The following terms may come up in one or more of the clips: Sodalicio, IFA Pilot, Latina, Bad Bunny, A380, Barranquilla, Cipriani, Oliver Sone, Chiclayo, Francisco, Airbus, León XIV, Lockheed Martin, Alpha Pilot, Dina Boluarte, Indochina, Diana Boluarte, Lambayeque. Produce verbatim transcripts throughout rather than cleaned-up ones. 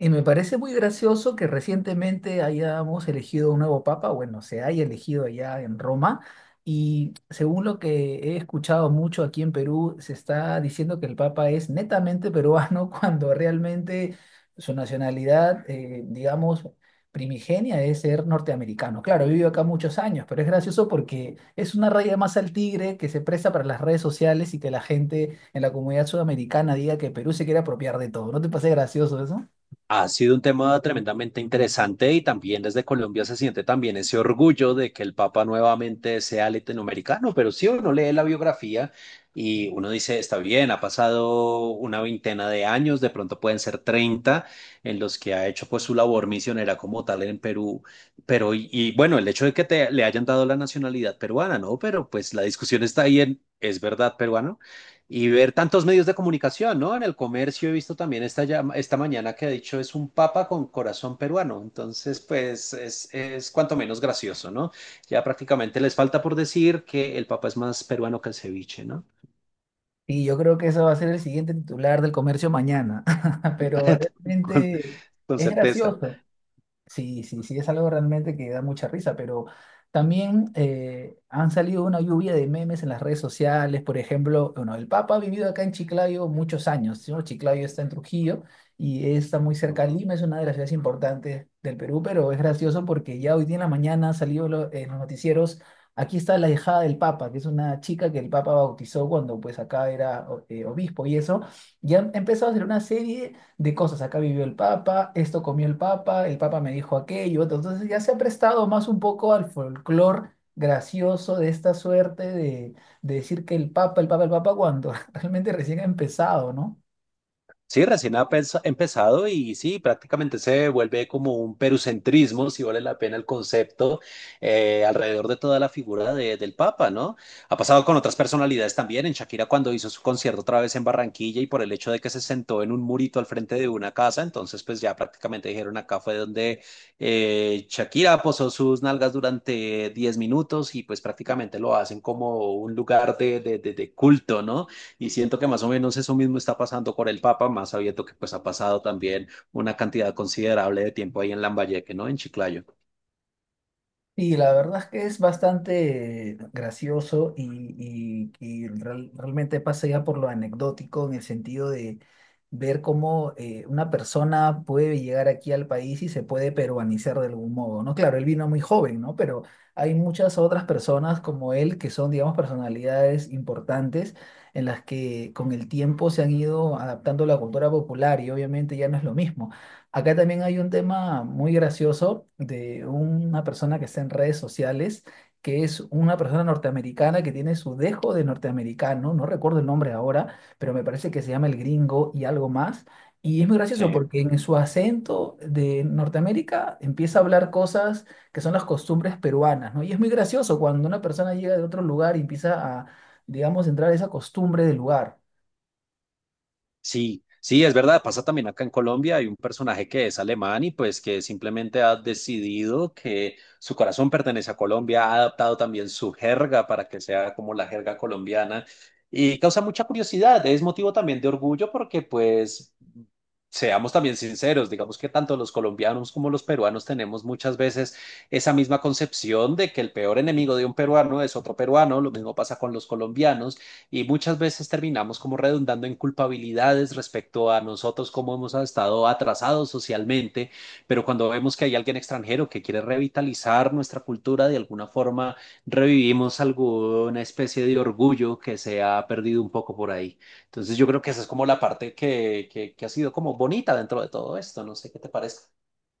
Y me parece muy gracioso que recientemente hayamos elegido un nuevo papa, bueno, se haya elegido allá en Roma, y según lo que he escuchado mucho aquí en Perú, se está diciendo que el papa es netamente peruano cuando realmente su nacionalidad, eh, digamos, primigenia es ser norteamericano. Claro, vivió acá muchos años, pero es gracioso porque es una raya más al tigre que se presta para las redes sociales y que la gente en la comunidad sudamericana diga que Perú se quiere apropiar de todo. ¿No te parece gracioso eso? Ha sido un tema tremendamente interesante y también desde Colombia se siente también ese orgullo de que el Papa nuevamente sea latinoamericano, pero sí uno lee la biografía y uno dice, está bien, ha pasado una veintena de años, de pronto pueden ser treinta en los que ha hecho pues su labor misionera como tal en Perú, pero y, y, bueno, el hecho de que te, le hayan dado la nacionalidad peruana, ¿no? Pero pues la discusión está ahí en, ¿es verdad peruano? Y ver tantos medios de comunicación, ¿no? En el comercio he visto también esta, llama- esta mañana que ha dicho es un papa con corazón peruano. Entonces, pues es, es cuanto menos gracioso, ¿no? Ya prácticamente les falta por decir que el papa es más peruano que el ceviche, ¿no? Y yo creo que eso va a ser el siguiente titular del comercio mañana. Pero Con, realmente con es certeza. gracioso. Sí, sí, sí, es algo realmente que da mucha risa, pero también eh, han salido una lluvia de memes en las redes sociales. Por ejemplo, bueno, el Papa ha vivido acá en Chiclayo muchos años, ¿no? Chiclayo está en Trujillo y está muy cerca de Lima, es una de las ciudades importantes del Perú, pero es gracioso porque ya hoy día en la mañana salió lo- en los noticieros, aquí está la hijada del Papa, que es una chica que el Papa bautizó cuando pues acá era o- eh, obispo y eso, ya han empezado a hacer una serie de cosas. Acá vivió el Papa, esto comió el Papa, el Papa me dijo aquello. Otro. Entonces ya se ha prestado más un poco al folclore gracioso de esta suerte de, de decir que el Papa, el Papa, el Papa, cuando realmente recién ha empezado, ¿no? Sí, recién ha pens- empezado y sí, prácticamente se vuelve como un perucentrismo, si vale la pena el concepto, eh, alrededor de toda la figura de- del Papa, ¿no? Ha pasado con otras personalidades también, en Shakira cuando hizo su concierto otra vez en Barranquilla y por el hecho de que se sentó en un murito al frente de una casa, entonces pues ya prácticamente dijeron acá fue donde eh, Shakira posó sus nalgas durante diez minutos y pues prácticamente lo hacen como un lugar de, de de- de culto, ¿no? Y siento que más o menos eso mismo está pasando con el Papa, más sabiendo que pues ha pasado también una cantidad considerable de tiempo ahí en Lambayeque, ¿no? En Chiclayo. Y la verdad es que es bastante gracioso y, y- y real- realmente pasa ya por lo anecdótico en el sentido de ver cómo eh, una persona puede llegar aquí al país y se puede peruanizar de algún modo, ¿no? Claro, él vino muy joven, ¿no? Pero hay muchas otras personas como él que son, digamos, personalidades importantes en las que con el tiempo se han ido adaptando a la cultura popular y obviamente ya no es lo mismo. Acá también hay un tema muy gracioso de una persona que está en redes sociales, que es una persona norteamericana que tiene su dejo de norteamericano, no recuerdo el nombre ahora, pero me parece que se llama el gringo y algo más. Y es muy gracioso Sí. porque en su acento de Norteamérica empieza a hablar cosas que son las costumbres peruanas, ¿no? Y es muy gracioso cuando una persona llega de otro lugar y empieza a, digamos, entrar a esa costumbre del lugar. Sí, sí, es verdad, pasa también acá en Colombia, hay un personaje que es alemán y pues que simplemente ha decidido que su corazón pertenece a Colombia, ha adaptado también su jerga para que sea como la jerga colombiana y causa mucha curiosidad, es motivo también de orgullo porque pues seamos también sinceros, digamos que tanto los colombianos como los peruanos tenemos muchas veces esa misma concepción de que el peor enemigo de un peruano es otro peruano, lo mismo pasa con los colombianos y muchas veces terminamos como redundando en culpabilidades respecto a nosotros como hemos estado atrasados socialmente, pero cuando vemos que hay alguien extranjero que quiere revitalizar nuestra cultura, de alguna forma revivimos alguna especie de orgullo que se ha perdido un poco por ahí. Entonces yo creo que esa es como la parte que, que, que ha sido como bonita dentro de todo esto, no sé qué te parece.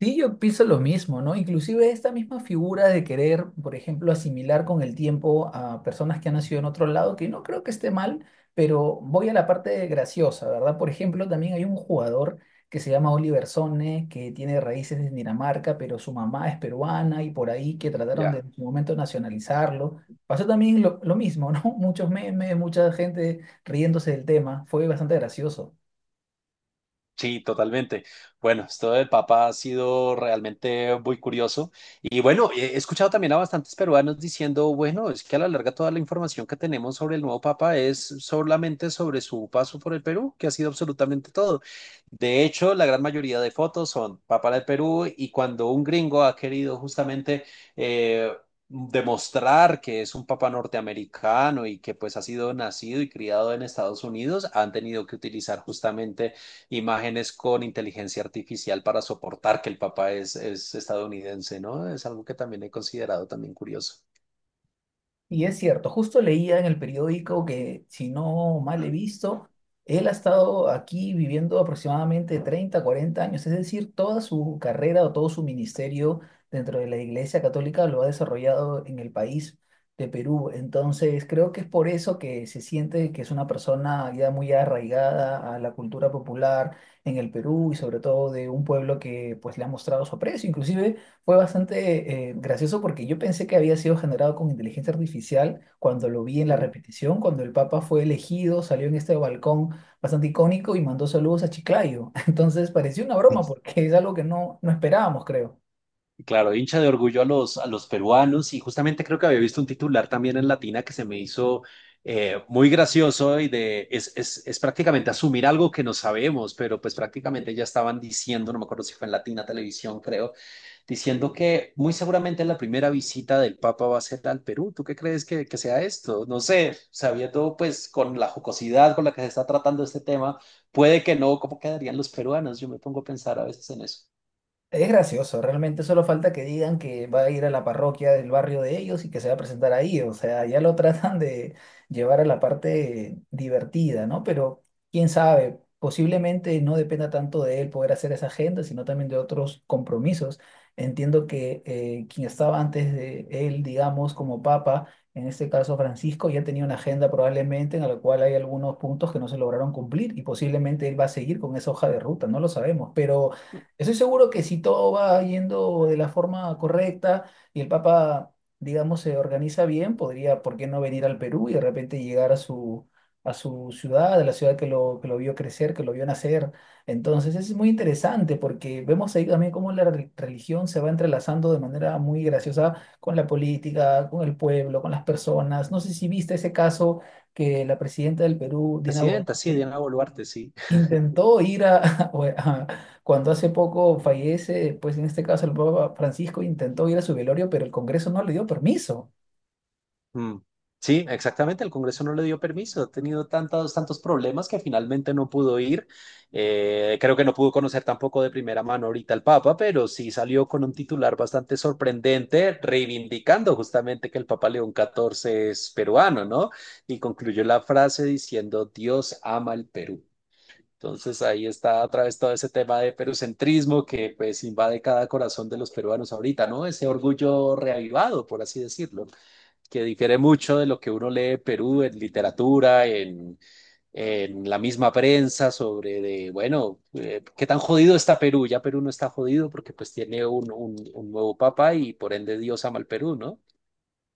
Sí, yo pienso lo mismo, ¿no? Inclusive esta misma figura de querer, por ejemplo, asimilar con el tiempo a personas que han nacido en otro lado, que no creo que esté mal, pero voy a la parte graciosa, ¿verdad? Por ejemplo, también hay un jugador que se llama Oliver Sone, que tiene raíces en Dinamarca, pero su mamá es peruana y por ahí que trataron de Ya. en su momento nacionalizarlo. Pasó también lo, lo mismo, ¿no? Muchos memes, mucha gente riéndose del tema, fue bastante gracioso. Sí, totalmente. Bueno, esto del Papa ha sido realmente muy curioso. Y bueno, he he escuchado también a bastantes peruanos diciendo, bueno, es que a la larga toda la información que tenemos sobre el nuevo Papa es solamente sobre su paso por el Perú, que ha sido absolutamente todo. De hecho, la gran mayoría de fotos son Papa del Perú y cuando un gringo ha querido justamente... eh, demostrar que es un papa norteamericano y que pues ha sido nacido y criado en Estados Unidos, han tenido que utilizar justamente imágenes con inteligencia artificial para soportar que el papá es, es estadounidense, ¿no? Es algo que también he considerado también curioso. Y es cierto, justo leía en el periódico que, si no mal he visto, él ha estado aquí viviendo aproximadamente treinta cuarenta años, es decir, toda su carrera o todo su ministerio dentro de la Iglesia Católica lo ha desarrollado en el país de Perú. Entonces, creo que es por eso que se siente que es una persona ya muy arraigada a la cultura popular en el Perú y sobre todo de un pueblo que pues le ha mostrado su aprecio. Inclusive fue bastante eh, gracioso porque yo pensé que había sido generado con inteligencia artificial cuando lo vi en la Mm. repetición. Cuando el Papa fue elegido, salió en este balcón bastante icónico y mandó saludos a Chiclayo. Entonces pareció una broma porque es algo que no, no esperábamos, creo. Claro, hincha de orgullo a los, a los peruanos y justamente creo que había visto un titular también en Latina que se me hizo eh, muy gracioso y de, es, es, es prácticamente asumir algo que no sabemos, pero pues prácticamente ya estaban diciendo, no me acuerdo si fue en Latina Televisión, creo diciendo que muy seguramente la primera visita del Papa va a ser al Perú. ¿Tú qué crees que, que sea esto? No sé, sabiendo pues con la jocosidad con la que se está tratando este tema, puede que no, ¿cómo quedarían los peruanos? Yo me pongo a pensar a veces en eso. Es gracioso, realmente solo falta que digan que va a ir a la parroquia del barrio de ellos y que se va a presentar ahí, o sea, ya lo tratan de llevar a la parte divertida, ¿no? Pero quién sabe, posiblemente no dependa tanto de él poder hacer esa agenda, sino también de otros compromisos. Entiendo que eh, quien estaba antes de él, digamos, como papa, en este caso Francisco, ya tenía una agenda probablemente en la cual hay algunos puntos que no se lograron cumplir y posiblemente él va a seguir con esa hoja de ruta, no lo sabemos, pero... Estoy seguro que si todo va yendo de la forma correcta y el Papa, digamos, se organiza bien, podría, ¿por qué no venir al Perú y de repente llegar a su, a su ciudad, a la ciudad que lo, que lo vio crecer, que lo vio nacer? Entonces es muy interesante porque vemos ahí también cómo la re- religión se va entrelazando de manera muy graciosa con la política, con el pueblo, con las personas. No sé si viste ese caso que la presidenta del Perú, Dina Presidenta, sí, Boluarte, Diana Boluarte, sí. intentó ir a, o a- cuando hace poco fallece, pues en este caso el Papa Francisco, intentó ir a su velorio, pero el Congreso no le dio permiso. Mm. Sí, exactamente. El Congreso no le dio permiso. Ha tenido tantos, tantos problemas que finalmente no pudo ir. Eh, creo que no pudo conocer tampoco de primera mano ahorita al Papa, pero sí salió con un titular bastante sorprendente, reivindicando justamente que el Papa León catorce es peruano, ¿no? Y concluyó la frase diciendo, Dios ama el Perú. Entonces ahí está otra vez todo ese tema de perucentrismo que pues invade cada corazón de los peruanos ahorita, ¿no? Ese orgullo reavivado, por así decirlo, que difiere mucho de lo que uno lee de Perú en literatura, en, en, la misma prensa, sobre de, bueno, eh, qué tan jodido está Perú. Ya Perú no está jodido porque pues tiene un, un, un nuevo papa y por ende Dios ama al Perú, ¿no?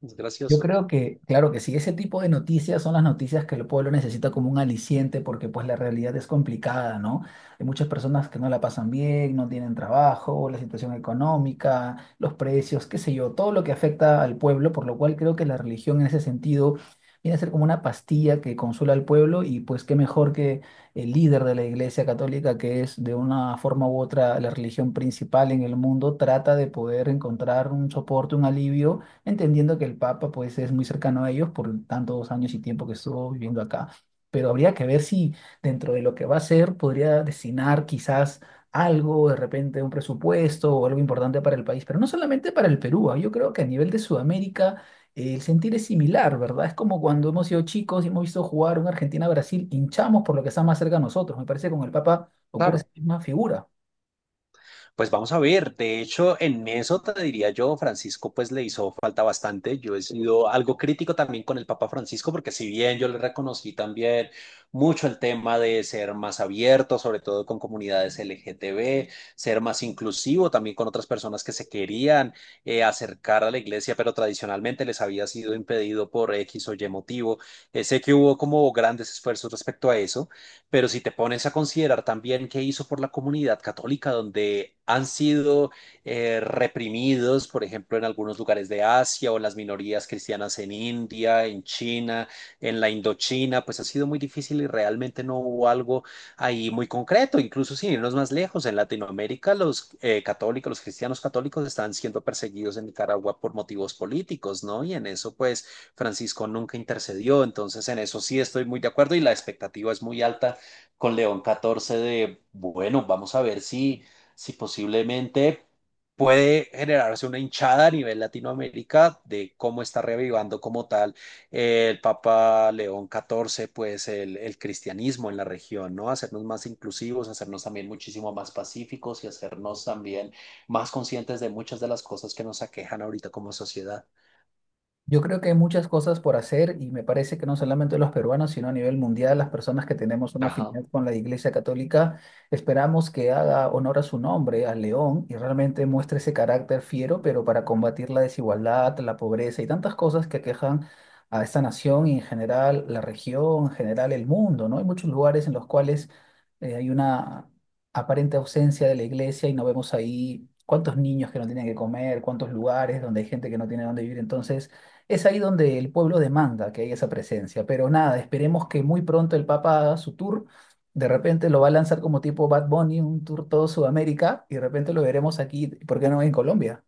Es Yo gracioso. creo que, claro que sí, ese tipo de noticias son las noticias que el pueblo necesita como un aliciente porque pues la realidad es complicada, ¿no? Hay muchas personas que no la pasan bien, no tienen trabajo, la situación económica, los precios, qué sé yo, todo lo que afecta al pueblo, por lo cual creo que la religión en ese sentido viene a ser como una pastilla que consuela al pueblo y pues qué mejor que el líder de la Iglesia Católica, que es de una forma u otra la religión principal en el mundo, trata de poder encontrar un soporte, un alivio entendiendo que el Papa pues es muy cercano a ellos por tantos años y tiempo que estuvo viviendo acá. Pero habría que ver si dentro de lo que va a ser podría destinar quizás algo, de repente un presupuesto o algo importante para el país, pero no solamente para el Perú, ah, yo creo que a nivel de Sudamérica eh, el sentir es similar, ¿verdad? Es como cuando hemos sido chicos y hemos visto jugar un Argentina-Brasil, hinchamos por lo que está más cerca a nosotros, me parece que con el Papa ocurre esa Claro. misma figura. Pues vamos a ver, de hecho, en eso te diría yo, Francisco, pues le hizo falta bastante. Yo he sido algo crítico también con el Papa Francisco, porque si bien yo le reconocí también mucho el tema de ser más abierto, sobre todo con comunidades L G T B, ser más inclusivo también con otras personas que se querían eh, acercar a la iglesia, pero tradicionalmente les había sido impedido por X o Y motivo. Eh, sé que hubo como grandes esfuerzos respecto a eso. Pero si te pones a considerar también qué hizo por la comunidad católica, donde han sido eh, reprimidos, por ejemplo, en algunos lugares de Asia o las minorías cristianas en India, en China, en la Indochina, pues ha sido muy difícil y realmente no hubo algo ahí muy concreto. Incluso sin irnos más lejos, en Latinoamérica los eh, católicos, los cristianos católicos están siendo perseguidos en Nicaragua por motivos políticos, ¿no? Y en eso, pues, Francisco nunca intercedió. Entonces, en eso sí estoy muy de acuerdo y la expectativa es muy alta con León catorce de, bueno, vamos a ver si, si posiblemente puede generarse una hinchada a nivel Latinoamérica de cómo está revivando como tal, eh, el Papa León catorce pues el, el cristianismo en la región, ¿no? Hacernos más inclusivos, hacernos también muchísimo más pacíficos y hacernos también más conscientes de muchas de las cosas que nos aquejan ahorita como sociedad. Yo creo que hay muchas cosas por hacer y me parece que no solamente los peruanos, sino a nivel mundial, las personas que tenemos una Ajá. afinidad con la Iglesia Católica, esperamos que haga honor a su nombre, al león, y realmente muestre ese carácter fiero, pero para combatir la desigualdad, la pobreza y tantas cosas que aquejan a esta nación y en general la región, en general el mundo, ¿no? Hay muchos lugares en los cuales eh, hay una aparente ausencia de la iglesia y no vemos ahí cuántos niños que no tienen que comer, cuántos lugares donde hay gente que no tiene dónde vivir. Entonces, es ahí donde el pueblo demanda que haya esa presencia, pero nada, esperemos que muy pronto el Papa haga su tour, de repente lo va a lanzar como tipo Bad Bunny, un tour todo Sudamérica, y de repente lo veremos aquí, ¿por qué no en Colombia?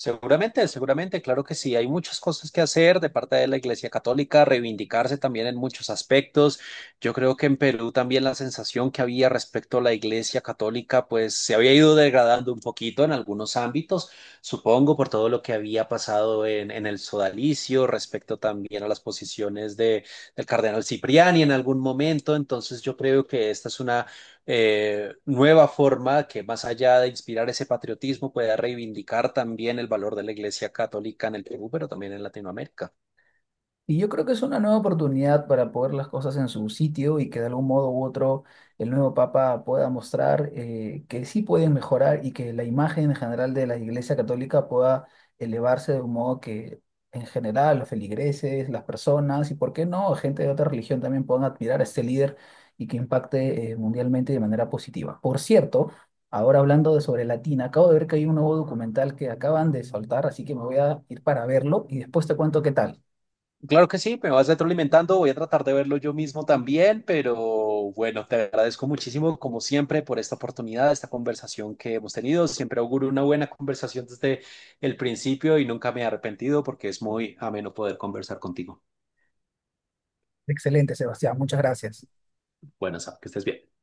Seguramente, seguramente, claro que sí. Hay muchas cosas que hacer de parte de la Iglesia Católica, reivindicarse también en muchos aspectos. Yo creo que en Perú también la sensación que había respecto a la Iglesia Católica, pues se había ido degradando un poquito en algunos ámbitos, supongo, por todo lo que había pasado en, en, el sodalicio, respecto también a las posiciones de, del cardenal Cipriani en algún momento. Entonces, yo creo que esta es una eh, nueva forma que más allá de inspirar ese patriotismo pueda reivindicar también el valor de la Iglesia Católica en el Perú, pero también en Latinoamérica. Y yo creo que es una nueva oportunidad para poner las cosas en su sitio y que de algún modo u otro el nuevo Papa pueda mostrar eh, que sí pueden mejorar y que la imagen en general de la Iglesia Católica pueda elevarse de un modo que en general los feligreses, las personas y por qué no, gente de otra religión también puedan admirar a este líder y que impacte eh, mundialmente de manera positiva. Por cierto, ahora hablando de sobre Latina, acabo de ver que hay un nuevo documental que acaban de soltar, así que me voy a ir para verlo y después te cuento qué tal. Claro que sí, me vas retroalimentando, voy a tratar de verlo yo mismo también, pero bueno, te agradezco muchísimo como siempre por esta oportunidad, esta conversación que hemos tenido. Siempre auguro una buena conversación desde el principio y nunca me he arrepentido porque es muy ameno poder conversar contigo. Excelente, Sebastián. Muchas gracias. Bueno, Sam, que estés bien.